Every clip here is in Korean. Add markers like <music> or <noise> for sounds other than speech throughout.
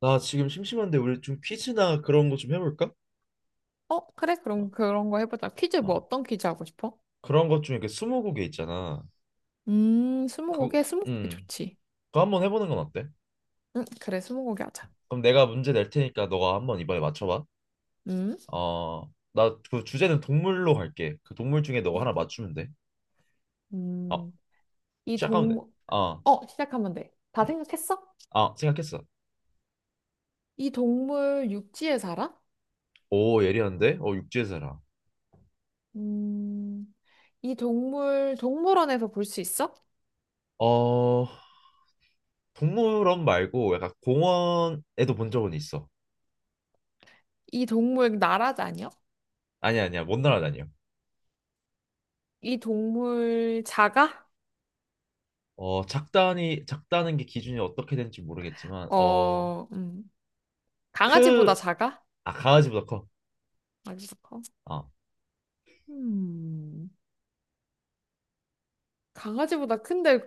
나 지금 심심한데 우리 좀 퀴즈나 그런 거 좀 해볼까? 어, 그래? 어, 그럼 그런 거 해보자. 퀴즈 뭐 어. 어떤 퀴즈 하고 싶어? 그런 것 중에 그 스무고개 있잖아. 그, 스무고개? 스무고개 음, 좋지. 그거 한번 해보는 건 어때? 응, 그래, 스무고개 하자. 그럼 내가 문제 낼 테니까 너가 한번 이번에 맞춰봐. 음, 어, 나 그 주제는 동물로 할게. 그 동물 중에 너가 이, 하나 맞추면 돼. 어, 음, 이 시작하면 돼. 동물, 어, 어, 시작하면 돼. 다 음. 생각했어? 아, 생각했어. 이 동물 육지에 살아? 오, 예리한데? 어, 육지에 살아. 음, 이 동물 동물원에서 볼 수 있어? 어, 동물원 말고 약간 공원에도 본 적은 있어. 이 동물 나라 다녀? 아니야, 아니야, 먼 나라 다녀. 이 동물 작아? 어, 작다니, 작다는 게 기준이 어떻게 되는지 모르겠지만, 어, 어, 음, 강아지보다 크, 작아? 아, 강아지보다 커. 아주 커. 어. 음. 강아지보다 큰데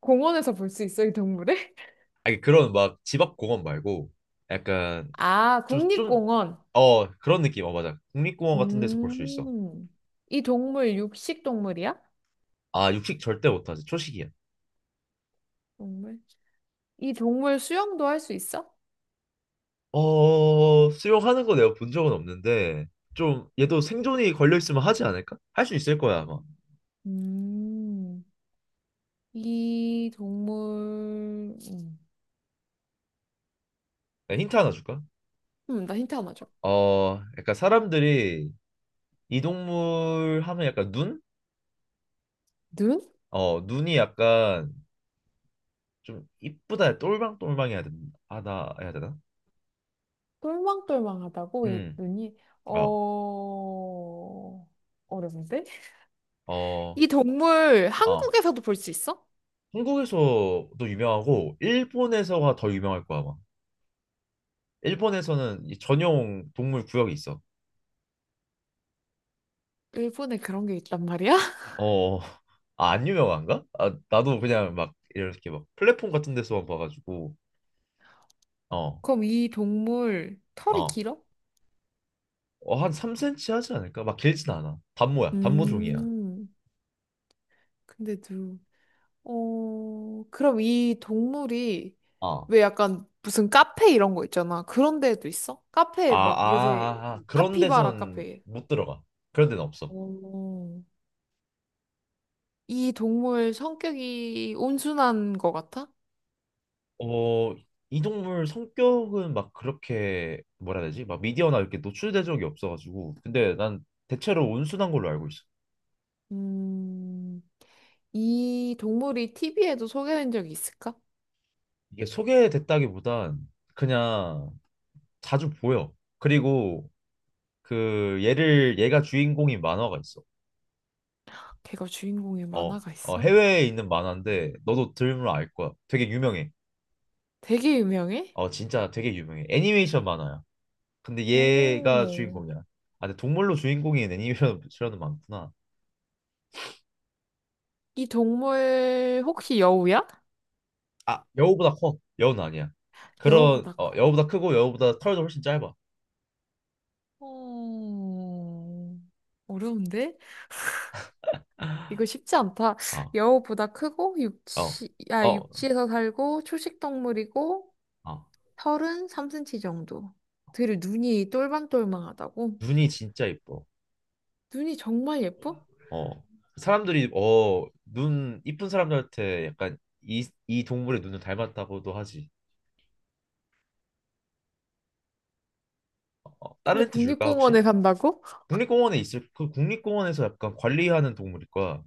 공원에서 볼 수 있어, 이 동물을? <laughs> 아니, 그런 막 집 앞 공원 말고, 약간, 아, 좀, 좀, 국립공원. 어, 그런 느낌. 어, 맞아. 국립공원 같은 데서 볼 수 있어. 음, 이 동물 육식 동물이야? 아, 육식 절대 못하지. 초식이야. 동물. 이 동물 수영도 할 수 있어? 어, 수영하는 거 내가 본 적은 없는데, 좀, 얘도 생존이 걸려있으면 하지 않을까? 할 수 있을 거야, 아마. 음, 이 동물, 음, 내가 힌트 하나 줄까? 나 힌트 하나 줘. 어, 약간 사람들이 이 동물 하면 약간 눈? 눈? 어, 눈이 약간, 좀 이쁘다 똘망똘망해야 된 하다 해야 되나? 똘망똘망하다고? 이 음. 눈이, 어. 어, 어려운데? 어. 이 동물 어. 한국에서도 볼 수 있어? 한국에서도 유명하고 일본에서가 더 유명할 거야, 아마. 일본에서는 이 전용 동물 구역이 있어. 일본에 그런 게 있단 말이야? <laughs> 어. <laughs> 아, 안 유명한가? 아, 나도 그냥 막 이렇게 막 플랫폼 같은 데서만 봐가지고 어. 그럼 이 동물 털이 어. 길어? 어, 한 3cm 하지 않을까? 막 길진 않아. 단모야. 단모 종이야. 음, 근데도, 그럼 이 동물이 어. 왜 약간 무슨 카페 이런 거 있잖아. 그런 데도 있어? 카페에 막 요새 아. 그런 카피바라 데선 카페. 못 들어가. 그런 데는 없어. 어, 이 동물 성격이 온순한 거 같아? 어, 이 동물 성격은 막 그렇게 뭐라 해야 되지? 막 미디어나 이렇게 노출된 적이 없어가지고. 근데 난 대체로 온순한 걸로 알고 있어. 음, 이 동물이 TV에도 소개된 적이 있을까? 이게 소개됐다기보단 그냥 자주 보여. 그리고 그 얘를 얘가 주인공인 만화가 있어. 걔가 주인공의 어, 만화가 어 있어? 해외에 있는 만화인데 너도 들으면 알 거야. 되게 유명해. 되게 유명해? 어, 진짜 되게 유명해. 애니메이션 만화야. 근데 얘가 어, 주인공이야. 아, 근데 동물로 주인공인 애니메이션은 많구나. 이 동물 혹시 여우야? 아, 여우보다 커. 여우는 아니야. 그런 여우보다 어, 커. 여우보다 크고 여우보다 털도 훨씬 짧아. 어... 어려운데? 이거 쉽지 않다. 아, 여우보다 크고 어, 육지, 아, 어, 육지에서 살고 초식 동물이고 어 털은 3cm 정도. 되게 눈이 똘망똘망하다고? 눈이 진짜 이뻐. 눈이 정말 예뻐? 어, 사람들이 어, 눈 이쁜 사람들한테 약간 이 동물의 눈을 닮았다고도 하지. 어, 다른 근데 힌트 줄까 혹시? 국립공원에 산다고? 국립공원에 있을 그 국립공원에서 약간 관리하는 동물일 거야.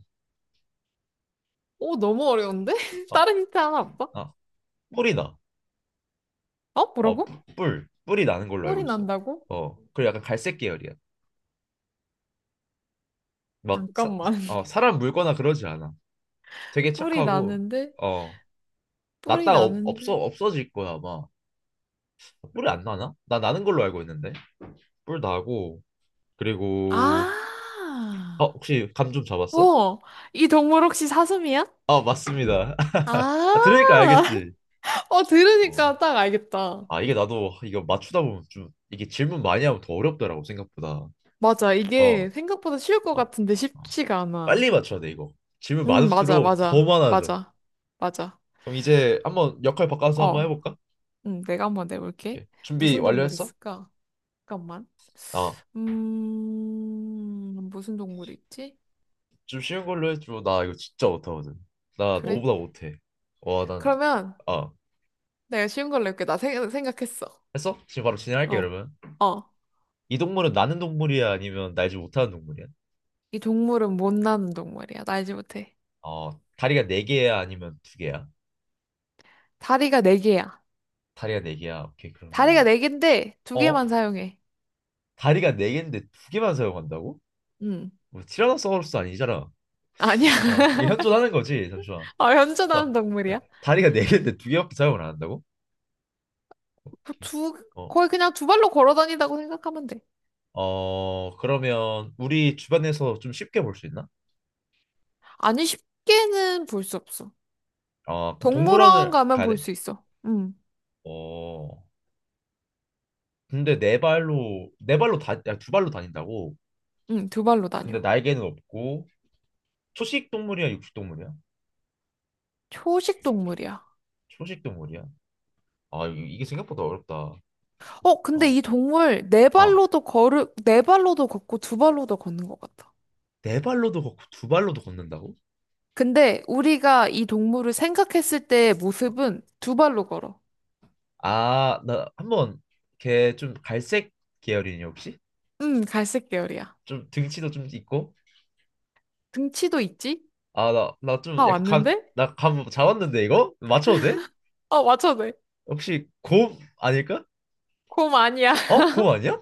오, 너무 어려운데? <laughs> 어, 다른 힌트 하나 없어? 아, 뿔이 나. 어? 어, 뭐라고? 뿔, 뿔. 뿔이 나는 걸로 알고 뿔이 있어. 난다고? 어, 그리고 약간 갈색 계열이야. 막 사, 잠깐만. 어, <laughs> 사람 물거나 그러지 않아. 되게 뿔이 착하고 나는데? 어 뿔이 났다가 없, 없어 나는데? 없어질 거야 아마. 뿔이 안 나나? 나 나는 걸로 알고 있는데 뿔 나고 그리고 어 아! 혹시 감 좀 잡았어? 어! 이 동물 혹시 사슴이야? 아 맞습니다. 아, <laughs> 아, 들으니까 알겠지. <laughs> 어, 어 들으니까 딱 알겠다. 아 이게 나도 이거 맞추다 보면 좀 이게 질문 많이 하면 더 어렵더라고, 생각보다. 어, 맞아, 어, 이게 생각보다 쉬울 것 어. 같은데 쉽지가 않아. 빨리 맞춰야 돼 이거. 질문 응, 맞아, 많을수록 더 맞아, 많아져. 맞아, 맞아. 그럼 이제 한번 역할 바꿔서 한번 어, 해볼까? 응, 내가 한번 내볼게. 이렇게 준비 무슨 동물이 완료했어? 있을까? 잠깐만. 어. 무슨 동물이 있지? 좀 쉬운 걸로 해줘. 나 이거 진짜 못하거든. 나 그래? 너보다 못해. 와, 난, 그러면 아, 내가 쉬운 걸로 해볼게. 나 생각했어. 했어? 지금 바로 진행할게, 어, 그러면. 어. 이 동물은 나는 동물이야? 아니면 날지 못하는 동물이야? 이 동물은 못 나는 동물이야. 날지 못해. 어, 다리가 네 개야? 아니면 두 개야? 다리가 네 개야. 다리가 네 개야. 오케이, 다리가 그러면. 네 개인데 두 어? 개만 사용해. 다리가 네 개인데 두 개만 사용한다고? 응. 뭐, 티라노사우루스 아니잖아. 아니야. <laughs> 아, 이게 현존하는 거지. 잠시만. 아, 나, 현존하는 동물이야? 다리가 네 개인데 두 개밖에 사용을 안 한다고? 그 오케이. 두, 어, 거의 그냥 두 발로 걸어 다닌다고 생각하면 돼. 어, 그러면 우리 주변에서 좀 쉽게 볼 수 있나? 아니, 쉽게는 볼 수 없어. 어, 그럼 동물원 동물원을 가면 가야 볼 돼? 수 있어. 응, 어, 근데 네 발로, 네 발로 다, 아니, 두 발로 다닌다고? 응, 두 발로 다녀. 근데 날개는 없고, 초식 동물이야, 육식 동물이야? 초식 동물이야. 초식 동물이야? 아, 이게 생각보다 어렵다. 어, 근데 어, 이 동물 네 아, 발로도 걸을, 네 발로도 걷고 두 발로도 걷는 것 같아. 네 발로도 걷고, 두 발로도 걷는다고? 근데 우리가 이 동물을 생각했을 때의 모습은 두 발로 걸어. 아, 나 한번 걔 좀 갈색 계열이니 혹시? 응, 갈색 계열이야. 좀 등치도 좀 있고? 등치도 있지? 아, 나, 나 좀 다 약간 감, 왔는데? 나감 잡았는데 이거? 맞춰도 돼? 아, 맞춰도 돼. 혹시 곰 아닐까? 곰 아니야. 어? 곰 아니야?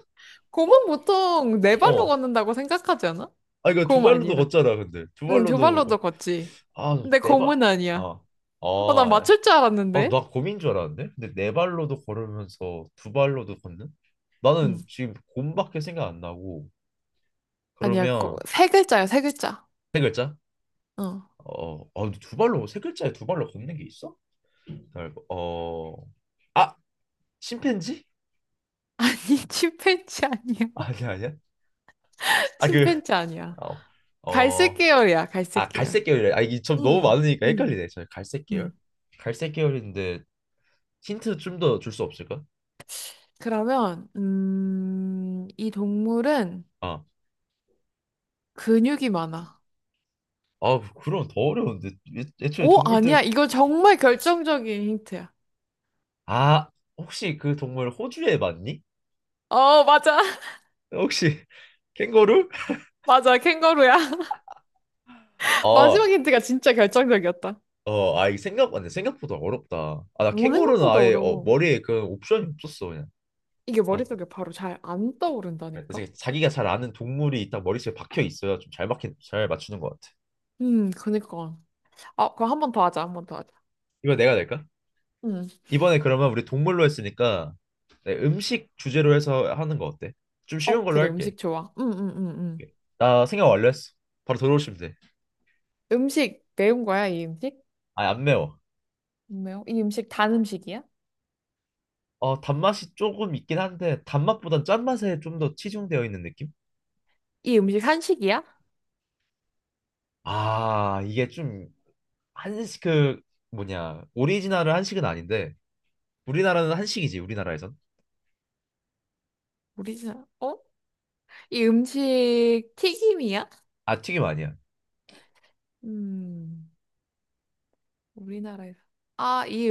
어? 곰은 보통 네 발로 어. 걷는다고 생각하지 않아? 아, 이거 두 곰 발로도 아니야. 걷잖아, 근데. 두 응, 두 발로도 발로도 걷지. 아, 근데 네 발. 곰은 아니야. 아, 어, 난 아, 맞출 줄 아, 알았는데? 나 곰인 줄 알았는데? 근데 네 발로도 걸으면서 두 발로도 걷는? 나는 응. 지금 곰밖에 생각 안 나고. 아니야, 그러면 세 글자야, 세 글자. 세 글자? 어. 어, 아, 근데 두 발로 세 글자에 두 발로 걷는 게 있어? 어, 아, 심팬지? <laughs> <laughs> 아니, 침팬지 아니야. 아니야, 아니야. <laughs> 아, 그, 침팬지 아니야. 어, 갈색 어, 계열이야, 갈색 아, 계열. 갈색 계열이래. 아, 이게 좀 너무 응, 많으니까 응, 헷갈리네. 저 갈색 계열? 응. 갈색 계열인데 힌트 좀 더 줄 수 없을까? 그러면, 이 동물은 아, 근육이 많아. 아, 그, 그럼 더 어려운데. 애초에 오, 아니야. 동물들 이거 정말 결정적인 힌트야. 아, 혹시 그 동물 호주에 맞니? 어, 맞아. <laughs> 혹시 <laughs> 캥거루? 맞아. 캥거루야. 아, 마지막 힌트가 진짜 결정적이었다. 어, 아, 이 생각 안 생각보다 어렵다. 아, 나 뭐 캥거루는 생각보다 아예 어, 어려워. 머리에 그 옵션이 없었어 그냥. 이게 아, 머릿속에 바로 잘 안 그래서 떠오른다니까? 자기가 잘 아는 동물이 있다 머릿속에 박혀 있어야 좀 잘 맞잘 맞추는 것 같아. 그니까. 아, 그럼 한 번 더 하자, 한 번 더 하자. 이거 내가 낼까? 음. 이번에 그러면 우리 동물로 했으니까 네, 음식 주제로 해서 하는 거 어때? 좀 쉬운 어, 걸로 그래, 할게. 음식 좋아. 오케이. 나 생각 완료했어. 바로 들어오시면 돼. 음식 매운 거야, 이 음식? 아, 안 매워. 안 매워? 이 음식 단 음식이야? 어, 단맛이 조금 있긴 한데 단맛보단 짠맛에 좀 더 치중되어 있는 느낌? 이 음식 한식이야? 아, 이게 좀 한식 그 뭐냐 오리지널은 한식은 아닌데 우리나라는 한식이지 우리나라에선. 우리나라, 어? 이 음식 튀김이야? 아 튀김 아니야. 음, 우리나라에서. 아, 이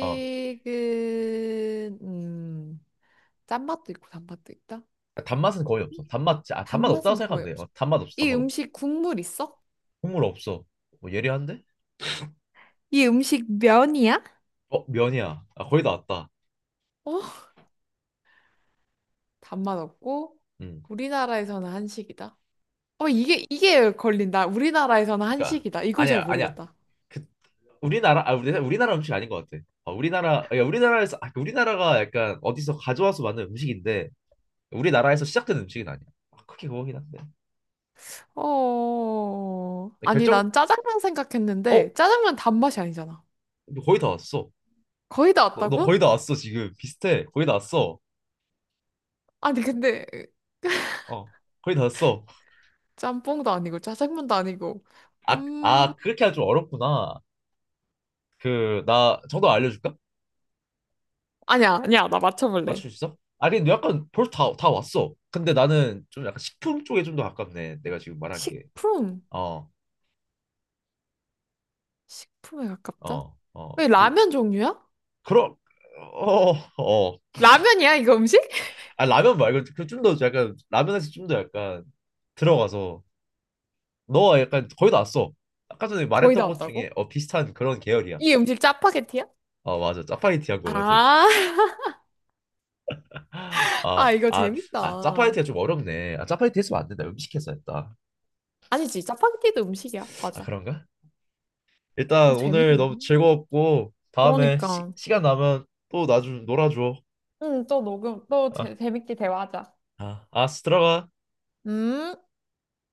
어 짠맛도 있고 단맛도 있다? 단맛은 거의 없어. 단맛 아 단맛 없다고 단맛은 생각하면 거의 돼. 없어. 어, 단맛 없어, 이 단맛 없어. 음식 국물 있어? 국물 없어. 뭐 예리한데? 이 음식 면이야? 어 면이야. 아 거의 다 왔다. 어? 단맛 없고 음, 우리나라에서는 한식이다. 어 이게 걸린다. 우리나라에서는 그러니까 한식이다. 이걸 잘 아니야 아니야. 모르겠다. 그 우리나라 아 우리나라 음식 아닌 것 같아. 어, 우리나라 야, 우리나라에서 아, 그 우리나라가 약간 어디서 가져와서 만든 음식인데. 우리나라에서 시작된 음식은 아니야. 아, 크게 그거긴 한데. 어 근데 아니 결정, 난 짜장면 어? 생각했는데 짜장면 단맛이 아니잖아. 너 거의 다 왔어. 거의 다 너, 너 거의 왔다고? 다 왔어, 지금. 비슷해. 거의 다 왔어. 아니 근데 어, 거의 다 왔어. 짬뽕도 아니고 짜장면도 아니고 아, 음 아, 그렇게 하면 좀 어렵구나. 그, 나 정답 알려줄까? 아니야 나 맞춰볼래. 맞출 수 있어? 아니, 근데 약간 벌써 다 왔어. 근데 나는 좀 약간 식품 쪽에 좀 더 가깝네. 내가 지금 말한 게. 식품 어, 식품에 가깝다? 어, 어. 왜 요, 라면 종류야? 그럼, 어, 어. 라면이야 이거 음식? 아, 라면 말고 그 좀더 약간, 라면에서 좀 더 약간 들어가서 너 약간 거의 다 왔어. 아까 전에 거의 말했던 다 것 왔다고? 중에 어, 비슷한 그런 계열이야. 이 음식 짜파게티야? 어 맞아 짜파게티 한 거 같은. 아, <laughs> 아, 아, 이거 아, 아, 재밌다. 짜파게티가 좀 어렵네. 아, 짜파게티 했으면 안 된다. 음식해서 했다. 아니지, 짜파게티도 음식이야. 아, 맞아. 그런가? 어, 일단 오늘 재밌는데? 너무 즐거웠고 다음에 그러니까. 시간 나면 또 나 좀 놀아줘. 응, 또 녹음, 또 아, 재밌게 대화하자. 아, 들어가. 음.